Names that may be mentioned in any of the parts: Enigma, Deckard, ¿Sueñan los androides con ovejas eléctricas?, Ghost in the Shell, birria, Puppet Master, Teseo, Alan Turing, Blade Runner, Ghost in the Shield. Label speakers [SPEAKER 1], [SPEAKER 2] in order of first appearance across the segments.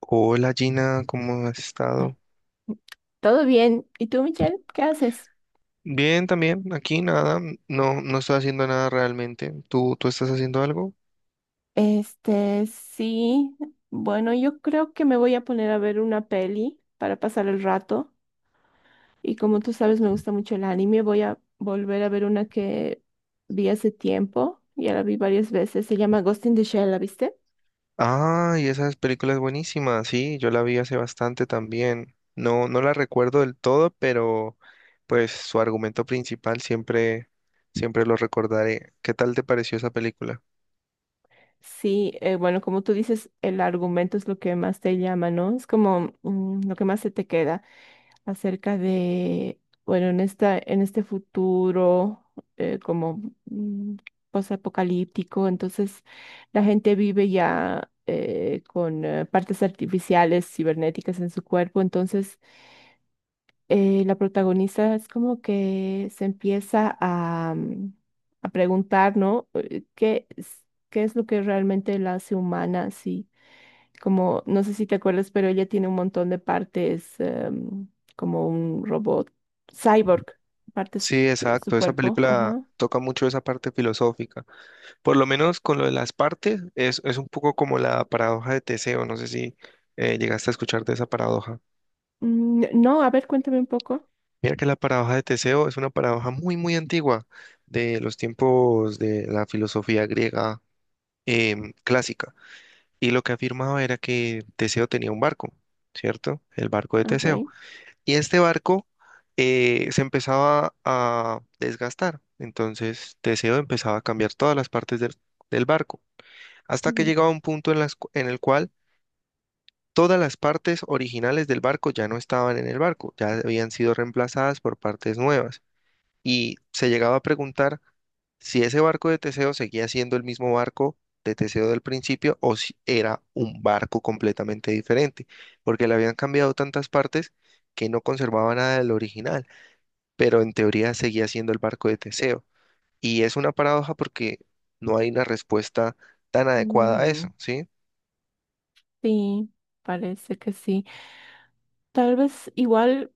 [SPEAKER 1] Hola Gina, ¿cómo has estado?
[SPEAKER 2] Todo bien. ¿Y tú, Michelle? ¿Qué haces?
[SPEAKER 1] Bien, también, aquí nada, no, no estoy haciendo nada realmente. ¿Tú estás haciendo algo?
[SPEAKER 2] Este, sí. Bueno, yo creo que me voy a poner a ver una peli para pasar el rato. Y como tú sabes, me gusta mucho el anime. Voy a volver a ver una que vi hace tiempo. Ya la vi varias veces. Se llama Ghost in the Shell, ¿la viste?
[SPEAKER 1] Ah, y esa película es buenísima, sí, yo la vi hace bastante también. No, no la recuerdo del todo, pero pues su argumento principal siempre lo recordaré. ¿Qué tal te pareció esa película?
[SPEAKER 2] Sí, bueno, como tú dices, el argumento es lo que más te llama, ¿no? Es como lo que más se te queda acerca de, bueno, en este futuro eh, como mm, posapocalíptico. Entonces la gente vive ya con partes artificiales, cibernéticas en su cuerpo. Entonces la protagonista es como que se empieza a, a preguntar, ¿no? ¿ Qué es lo que realmente la hace humana? Sí, como, no sé si te acuerdas, pero ella tiene un montón de partes, como un robot, cyborg, partes
[SPEAKER 1] Sí,
[SPEAKER 2] de su
[SPEAKER 1] exacto, esa
[SPEAKER 2] cuerpo,
[SPEAKER 1] película
[SPEAKER 2] ajá.
[SPEAKER 1] toca mucho esa parte filosófica. Por lo menos con lo de las partes, es un poco como la paradoja de Teseo. No sé si llegaste a escuchar de esa paradoja.
[SPEAKER 2] Mm. No, a ver, cuéntame un poco.
[SPEAKER 1] Mira que la paradoja de Teseo es una paradoja muy, muy antigua de los tiempos de la filosofía griega clásica. Y lo que afirmaba era que Teseo tenía un barco, ¿cierto? El barco de
[SPEAKER 2] Ok.
[SPEAKER 1] Teseo. Y este barco se empezaba a desgastar. Entonces Teseo empezaba a cambiar todas las partes del barco hasta que
[SPEAKER 2] Ujú.
[SPEAKER 1] llegaba un punto en el cual todas las partes originales del barco ya no estaban en el barco, ya habían sido reemplazadas por partes nuevas. Y se llegaba a preguntar si ese barco de Teseo seguía siendo el mismo barco de Teseo del principio o si era un barco completamente diferente, porque le habían cambiado tantas partes que no conservaba nada del original, pero en teoría seguía siendo el barco de Teseo. Y es una paradoja porque no hay una respuesta tan adecuada a
[SPEAKER 2] Mm.
[SPEAKER 1] eso, ¿sí?
[SPEAKER 2] Sí, parece que sí. Tal vez igual.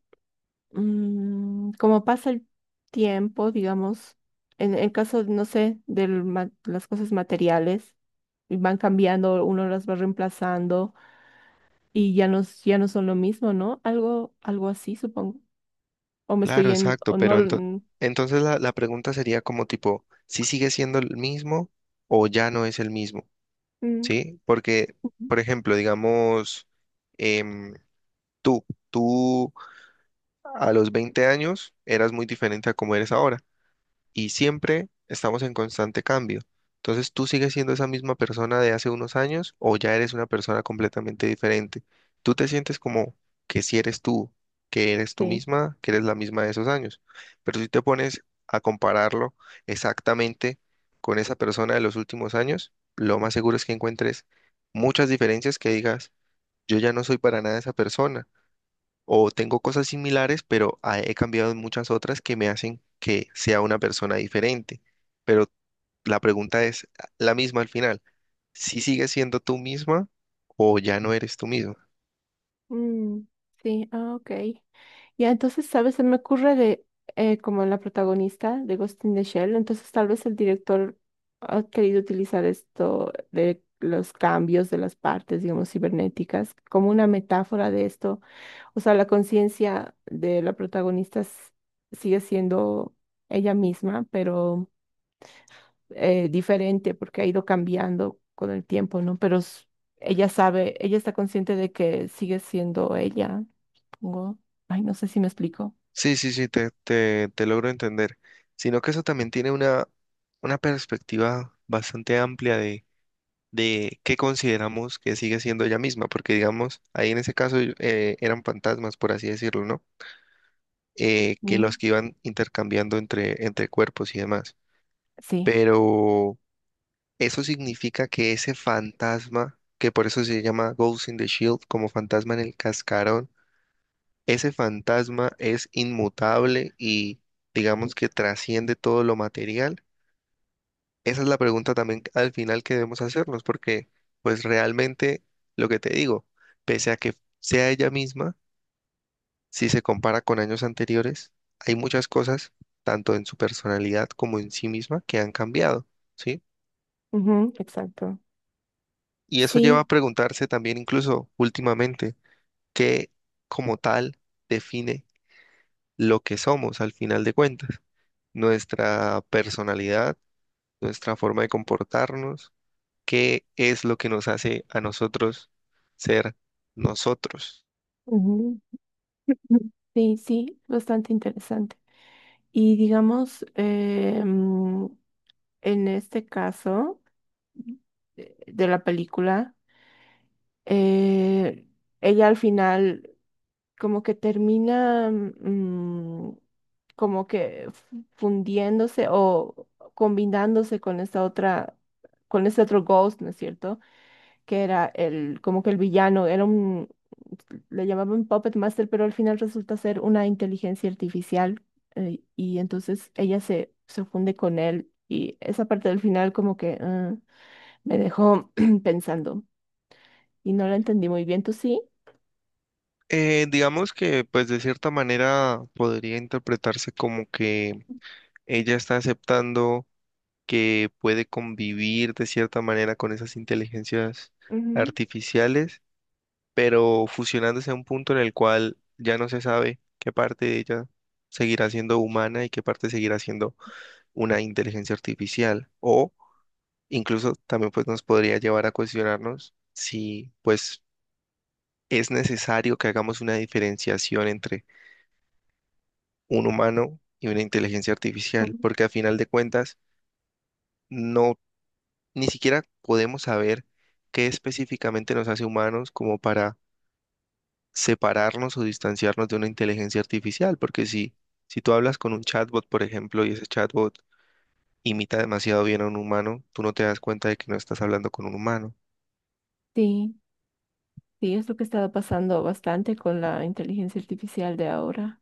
[SPEAKER 2] Como pasa el tiempo, digamos, en el caso, no sé, de las cosas materiales, y van cambiando, uno las va reemplazando y ya no, ya no son lo mismo, ¿no? Algo, algo así, supongo. O me
[SPEAKER 1] Claro,
[SPEAKER 2] estoy en,
[SPEAKER 1] exacto,
[SPEAKER 2] o no,
[SPEAKER 1] pero
[SPEAKER 2] mm,
[SPEAKER 1] entonces la pregunta sería como tipo, ¿si sigue siendo el mismo o ya no es el mismo?
[SPEAKER 2] mm,
[SPEAKER 1] ¿Sí? Porque, por ejemplo, digamos, em, tú, tú a los 20 años eras muy diferente a como eres ahora y siempre estamos en constante cambio. Entonces, ¿tú sigues siendo esa misma persona de hace unos años o ya eres una persona completamente diferente? ¿Tú te sientes como que si eres tú, que eres tú
[SPEAKER 2] sí,
[SPEAKER 1] misma, que eres la misma de esos años? Pero si te pones a compararlo exactamente con esa persona de los últimos años, lo más seguro es que encuentres muchas diferencias que digas, yo ya no soy para nada esa persona o tengo cosas similares, pero he cambiado en muchas otras que me hacen que sea una persona diferente. Pero la pregunta es la misma al final. ¿Si sigues siendo tú misma o ya no eres tú misma?
[SPEAKER 2] mm, sí, ok. Ya, entonces, ¿sabes? Se me ocurre de como la protagonista de Ghost in the Shell. Entonces tal vez el director ha querido utilizar esto de los cambios de las partes, digamos, cibernéticas, como una metáfora de esto. O sea, la conciencia de la protagonista sigue siendo ella misma, pero diferente porque ha ido cambiando con el tiempo, ¿no? Pero ella sabe, ella está consciente de que sigue siendo ella. Supongo. Ay, no sé si me explico.
[SPEAKER 1] Sí, sí, sí, te logro entender. Sino que eso también tiene una perspectiva bastante amplia de qué consideramos que sigue siendo ella misma, porque digamos, ahí en ese caso eran fantasmas, por así decirlo, ¿no? Que
[SPEAKER 2] Mm.
[SPEAKER 1] los que iban intercambiando entre cuerpos y demás.
[SPEAKER 2] Sí,
[SPEAKER 1] Pero eso significa que ese fantasma, que por eso se llama Ghost in the Shield, como fantasma en el cascarón, ese fantasma es inmutable y digamos que trasciende todo lo material. Esa es la pregunta también al final que debemos hacernos, porque pues realmente lo que te digo, pese a que sea ella misma, si se compara con años anteriores, hay muchas cosas, tanto en su personalidad como en sí misma, que han cambiado, ¿sí?
[SPEAKER 2] ujú, exacto.
[SPEAKER 1] Y eso lleva a
[SPEAKER 2] Sí,
[SPEAKER 1] preguntarse también incluso últimamente, ¿qué como tal define lo que somos al final de cuentas? Nuestra personalidad, nuestra forma de comportarnos, ¿qué es lo que nos hace a nosotros ser nosotros?
[SPEAKER 2] ujú, ujú, sí, sí, bastante interesante. Y digamos, en este caso de la película, eh, ella al final como que termina como que fundiéndose o combinándose con esta otra, con este otro Ghost, ¿no es cierto? Que era el, como que el villano, era un, le llamaban Puppet Master, pero al final resulta ser una inteligencia artificial. Y entonces ella se, se funde con él, y esa parte del final como que me dejó pensando y no la entendí muy bien, ¿tú sí?
[SPEAKER 1] Digamos que pues de cierta manera podría interpretarse como que ella está aceptando que puede convivir de cierta manera con esas inteligencias
[SPEAKER 2] Ujú,
[SPEAKER 1] artificiales pero fusionándose a un punto en el cual ya no se sabe qué parte de ella seguirá siendo humana y qué parte seguirá siendo una inteligencia artificial. O incluso también pues nos podría llevar a cuestionarnos si pues es necesario que hagamos una diferenciación entre un humano y una inteligencia
[SPEAKER 2] ujú.
[SPEAKER 1] artificial, porque a final de cuentas no ni siquiera podemos saber qué específicamente nos hace humanos como para separarnos o distanciarnos de una inteligencia artificial, porque si tú hablas con un chatbot, por ejemplo, y ese chatbot imita demasiado bien a un humano, tú no te das cuenta de que no estás hablando con un humano.
[SPEAKER 2] Sí. Sí, es lo que estaba pasando bastante con la inteligencia artificial de ahora.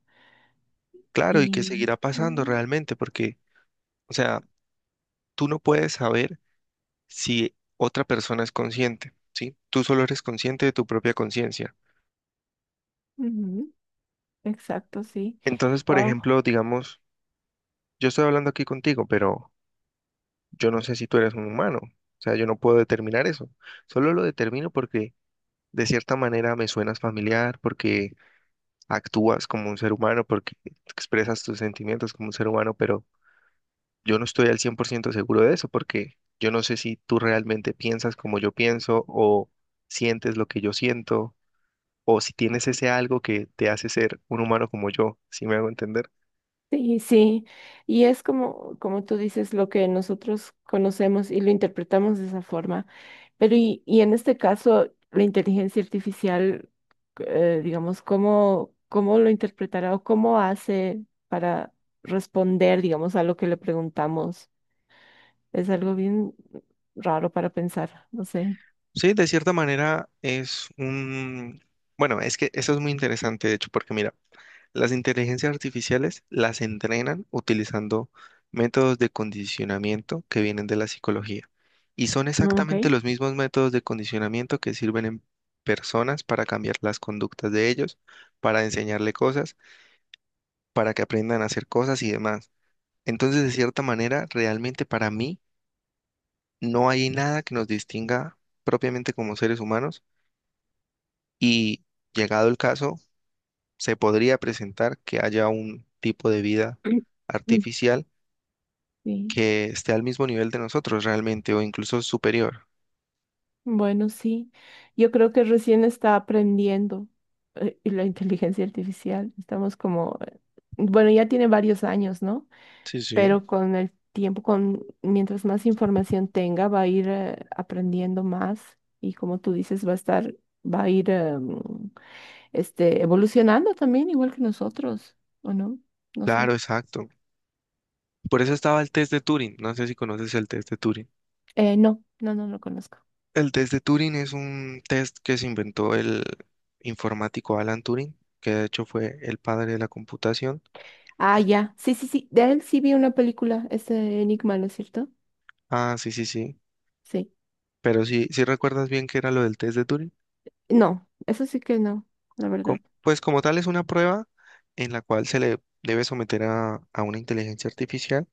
[SPEAKER 1] Claro, y que
[SPEAKER 2] Y
[SPEAKER 1] seguirá pasando
[SPEAKER 2] ujú,
[SPEAKER 1] realmente, porque, o sea, tú no puedes saber si otra persona es consciente, ¿sí? Tú solo eres consciente de tu propia conciencia.
[SPEAKER 2] ujú, exacto, sí.
[SPEAKER 1] Entonces, por
[SPEAKER 2] Wow.
[SPEAKER 1] ejemplo, digamos, yo estoy hablando aquí contigo, pero yo no sé si tú eres un humano. O sea, yo no puedo determinar eso. Solo lo determino porque de cierta manera me suenas familiar porque actúas como un ser humano, porque expresas tus sentimientos como un ser humano, pero yo no estoy al 100% seguro de eso porque yo no sé si tú realmente piensas como yo pienso o sientes lo que yo siento o si tienes ese algo que te hace ser un humano como yo, si me hago entender.
[SPEAKER 2] Sí, sí. Y es como, como tú dices, lo que nosotros conocemos y lo interpretamos de esa forma. Pero y en este caso, la inteligencia artificial, digamos, ¿cómo, cómo lo interpretará o cómo hace para responder, digamos, a lo que le preguntamos? Es algo bien raro para pensar, no sé.
[SPEAKER 1] Sí, de cierta manera es un... Bueno, es que eso es muy interesante, de hecho, porque mira, las inteligencias artificiales las entrenan utilizando métodos de condicionamiento que vienen de la psicología y son
[SPEAKER 2] Ah, ok.
[SPEAKER 1] exactamente los mismos métodos de condicionamiento que sirven en personas para cambiar las conductas de ellos, para enseñarle cosas, para que aprendan a hacer cosas y demás. Entonces, de cierta manera, realmente para mí no hay nada que nos distinga propiamente como seres humanos y llegado el caso, se podría presentar que haya un tipo de vida artificial
[SPEAKER 2] Sí.
[SPEAKER 1] que esté al mismo nivel de nosotros realmente o incluso superior.
[SPEAKER 2] Bueno, sí. Yo creo que recién está aprendiendo la inteligencia artificial. Estamos como, bueno, ya tiene varios años, ¿no?
[SPEAKER 1] Sí, sí.
[SPEAKER 2] Pero con el tiempo, con mientras más información tenga, va a ir aprendiendo más, y como tú dices, va a estar, va a ir evolucionando también, igual que nosotros, ¿o no? No sé.
[SPEAKER 1] Claro, exacto. Por eso estaba el test de Turing. No sé si conoces el test de Turing.
[SPEAKER 2] No, no lo conozco.
[SPEAKER 1] El test de Turing es un test que se inventó el informático Alan Turing, que de hecho fue el padre de la computación.
[SPEAKER 2] Ah, ya. Sí, sí, sí. De él sí vi una película, ese Enigma, ¿no es cierto?
[SPEAKER 1] Ah, sí, sí, sí.
[SPEAKER 2] Sí.
[SPEAKER 1] Pero sí, sí recuerdas bien qué era lo del test de Turing.
[SPEAKER 2] No, eso sí que no, la verdad.
[SPEAKER 1] Pues como tal es una prueba en la cual se le debe someter a una inteligencia artificial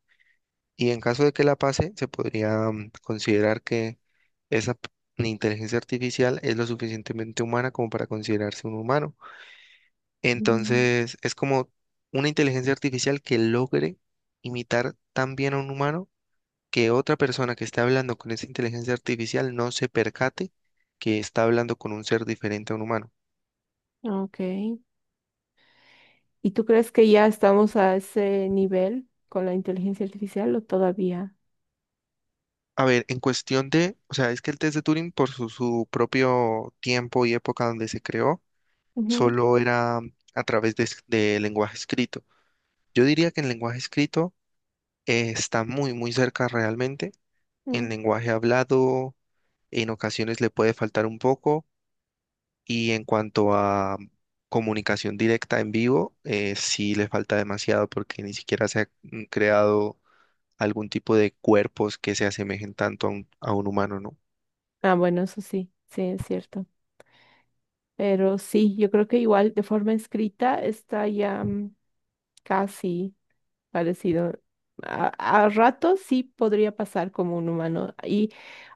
[SPEAKER 1] y en caso de que la pase, se podría considerar que esa p- inteligencia artificial es lo suficientemente humana como para considerarse un humano.
[SPEAKER 2] Mm.
[SPEAKER 1] Entonces, es como una inteligencia artificial que logre imitar tan bien a un humano que otra persona que esté hablando con esa inteligencia artificial no se percate que está hablando con un ser diferente a un humano.
[SPEAKER 2] Ok. ¿Y tú crees que ya estamos a ese nivel con la inteligencia artificial o todavía?
[SPEAKER 1] A ver, en cuestión de, o sea, es que el test de Turing por su, su propio tiempo y época donde se creó,
[SPEAKER 2] Ujú.
[SPEAKER 1] solo era a través de, de lenguaje escrito. Yo diría que en lenguaje escrito está muy, muy cerca realmente. En
[SPEAKER 2] Mm.
[SPEAKER 1] lenguaje hablado, en ocasiones le puede faltar un poco. Y en cuanto a comunicación directa en vivo, sí le falta demasiado porque ni siquiera se ha creado algún tipo de cuerpos que se asemejen tanto a a un humano, ¿no?
[SPEAKER 2] Ah, bueno, eso sí, sí, es cierto. Pero sí, yo creo que igual de forma escrita está ya casi parecido. A, a ratos sí podría pasar como un humano. Y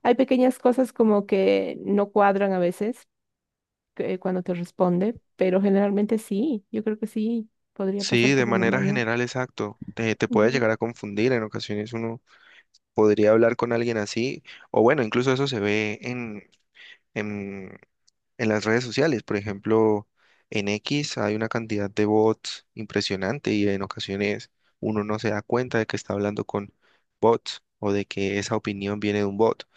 [SPEAKER 2] hay pequeñas cosas como que no cuadran a veces cuando te responde, pero generalmente sí. Yo creo que sí podría
[SPEAKER 1] Sí,
[SPEAKER 2] pasar
[SPEAKER 1] de
[SPEAKER 2] por un
[SPEAKER 1] manera
[SPEAKER 2] humano.
[SPEAKER 1] general, exacto. Te puede
[SPEAKER 2] Ujú.
[SPEAKER 1] llegar a confundir en ocasiones uno podría hablar con alguien así, o bueno, incluso eso se ve en, en las redes sociales, por ejemplo, en X hay una cantidad de bots impresionante y en ocasiones uno no se da cuenta de que está hablando con bots o de que esa opinión viene de un bot.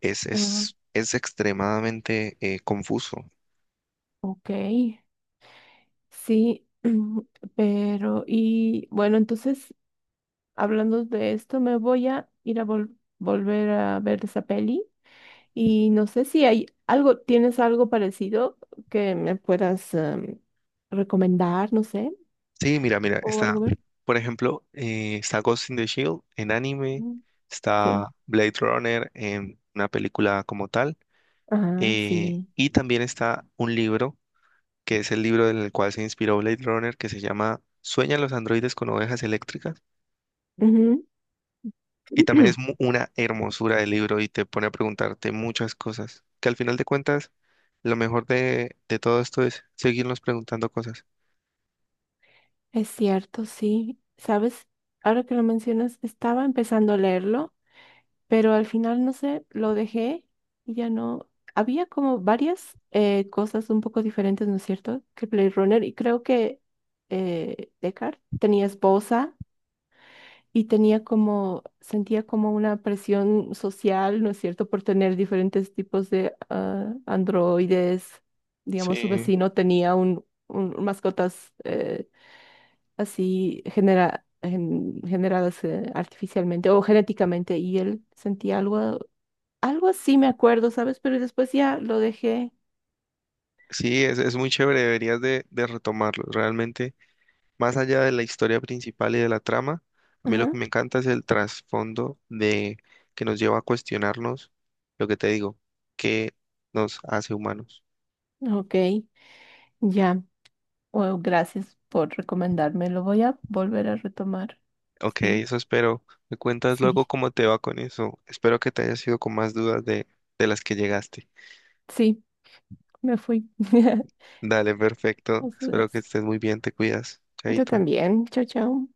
[SPEAKER 2] Ah,
[SPEAKER 1] Es extremadamente confuso.
[SPEAKER 2] ok, sí, pero y bueno, entonces hablando de esto, me voy a ir a volver a ver esa peli. Y no sé si hay algo, ¿tienes algo parecido que me puedas recomendar, no sé,
[SPEAKER 1] Sí,
[SPEAKER 2] o algo más?
[SPEAKER 1] por ejemplo, está Ghost in the Shield en anime,
[SPEAKER 2] Mm.
[SPEAKER 1] está
[SPEAKER 2] Sí.
[SPEAKER 1] Blade Runner en una película como tal.
[SPEAKER 2] Ah, sí.
[SPEAKER 1] Y también está un libro, que es el libro en el cual se inspiró Blade Runner, que se llama ¿Sueñan los androides con ovejas eléctricas?
[SPEAKER 2] Ujú.
[SPEAKER 1] Y también es una hermosura de libro y te pone a preguntarte muchas cosas, que al final de cuentas, lo mejor de todo esto es seguirnos preguntando cosas.
[SPEAKER 2] Es cierto, sí. ¿Sabes? Ahora que lo mencionas, estaba empezando a leerlo, pero al final, no sé, lo dejé y ya no. Había como varias cosas un poco diferentes, ¿no es cierto? Que Blade Runner, y creo que Deckard tenía esposa y tenía como, sentía como una presión social, ¿no es cierto?, por tener diferentes tipos de androides. Digamos, su
[SPEAKER 1] Sí,
[SPEAKER 2] vecino tenía un, mascotas así generadas artificialmente o genéticamente, y él sentía algo, algo así, me acuerdo, ¿sabes? Pero después ya lo dejé.
[SPEAKER 1] sí, es muy chévere, deberías de retomarlo. Realmente más allá de la historia principal y de la trama, a mí lo
[SPEAKER 2] Ajá,
[SPEAKER 1] que me encanta es el trasfondo de que nos lleva a cuestionarnos lo que te digo, qué nos hace humanos.
[SPEAKER 2] ok, ya. Bueno, gracias por recomendarme. Lo voy a volver a retomar.
[SPEAKER 1] Ok,
[SPEAKER 2] Sí,
[SPEAKER 1] eso espero. Me cuentas
[SPEAKER 2] sí.
[SPEAKER 1] luego cómo te va con eso. Espero que te hayas ido con más dudas de las que llegaste.
[SPEAKER 2] Sí. Me fui.
[SPEAKER 1] Dale, perfecto.
[SPEAKER 2] Nos
[SPEAKER 1] Espero que
[SPEAKER 2] vemos.
[SPEAKER 1] estés muy bien, te cuidas.
[SPEAKER 2] Tú
[SPEAKER 1] Chaito.
[SPEAKER 2] también. Chao, chao.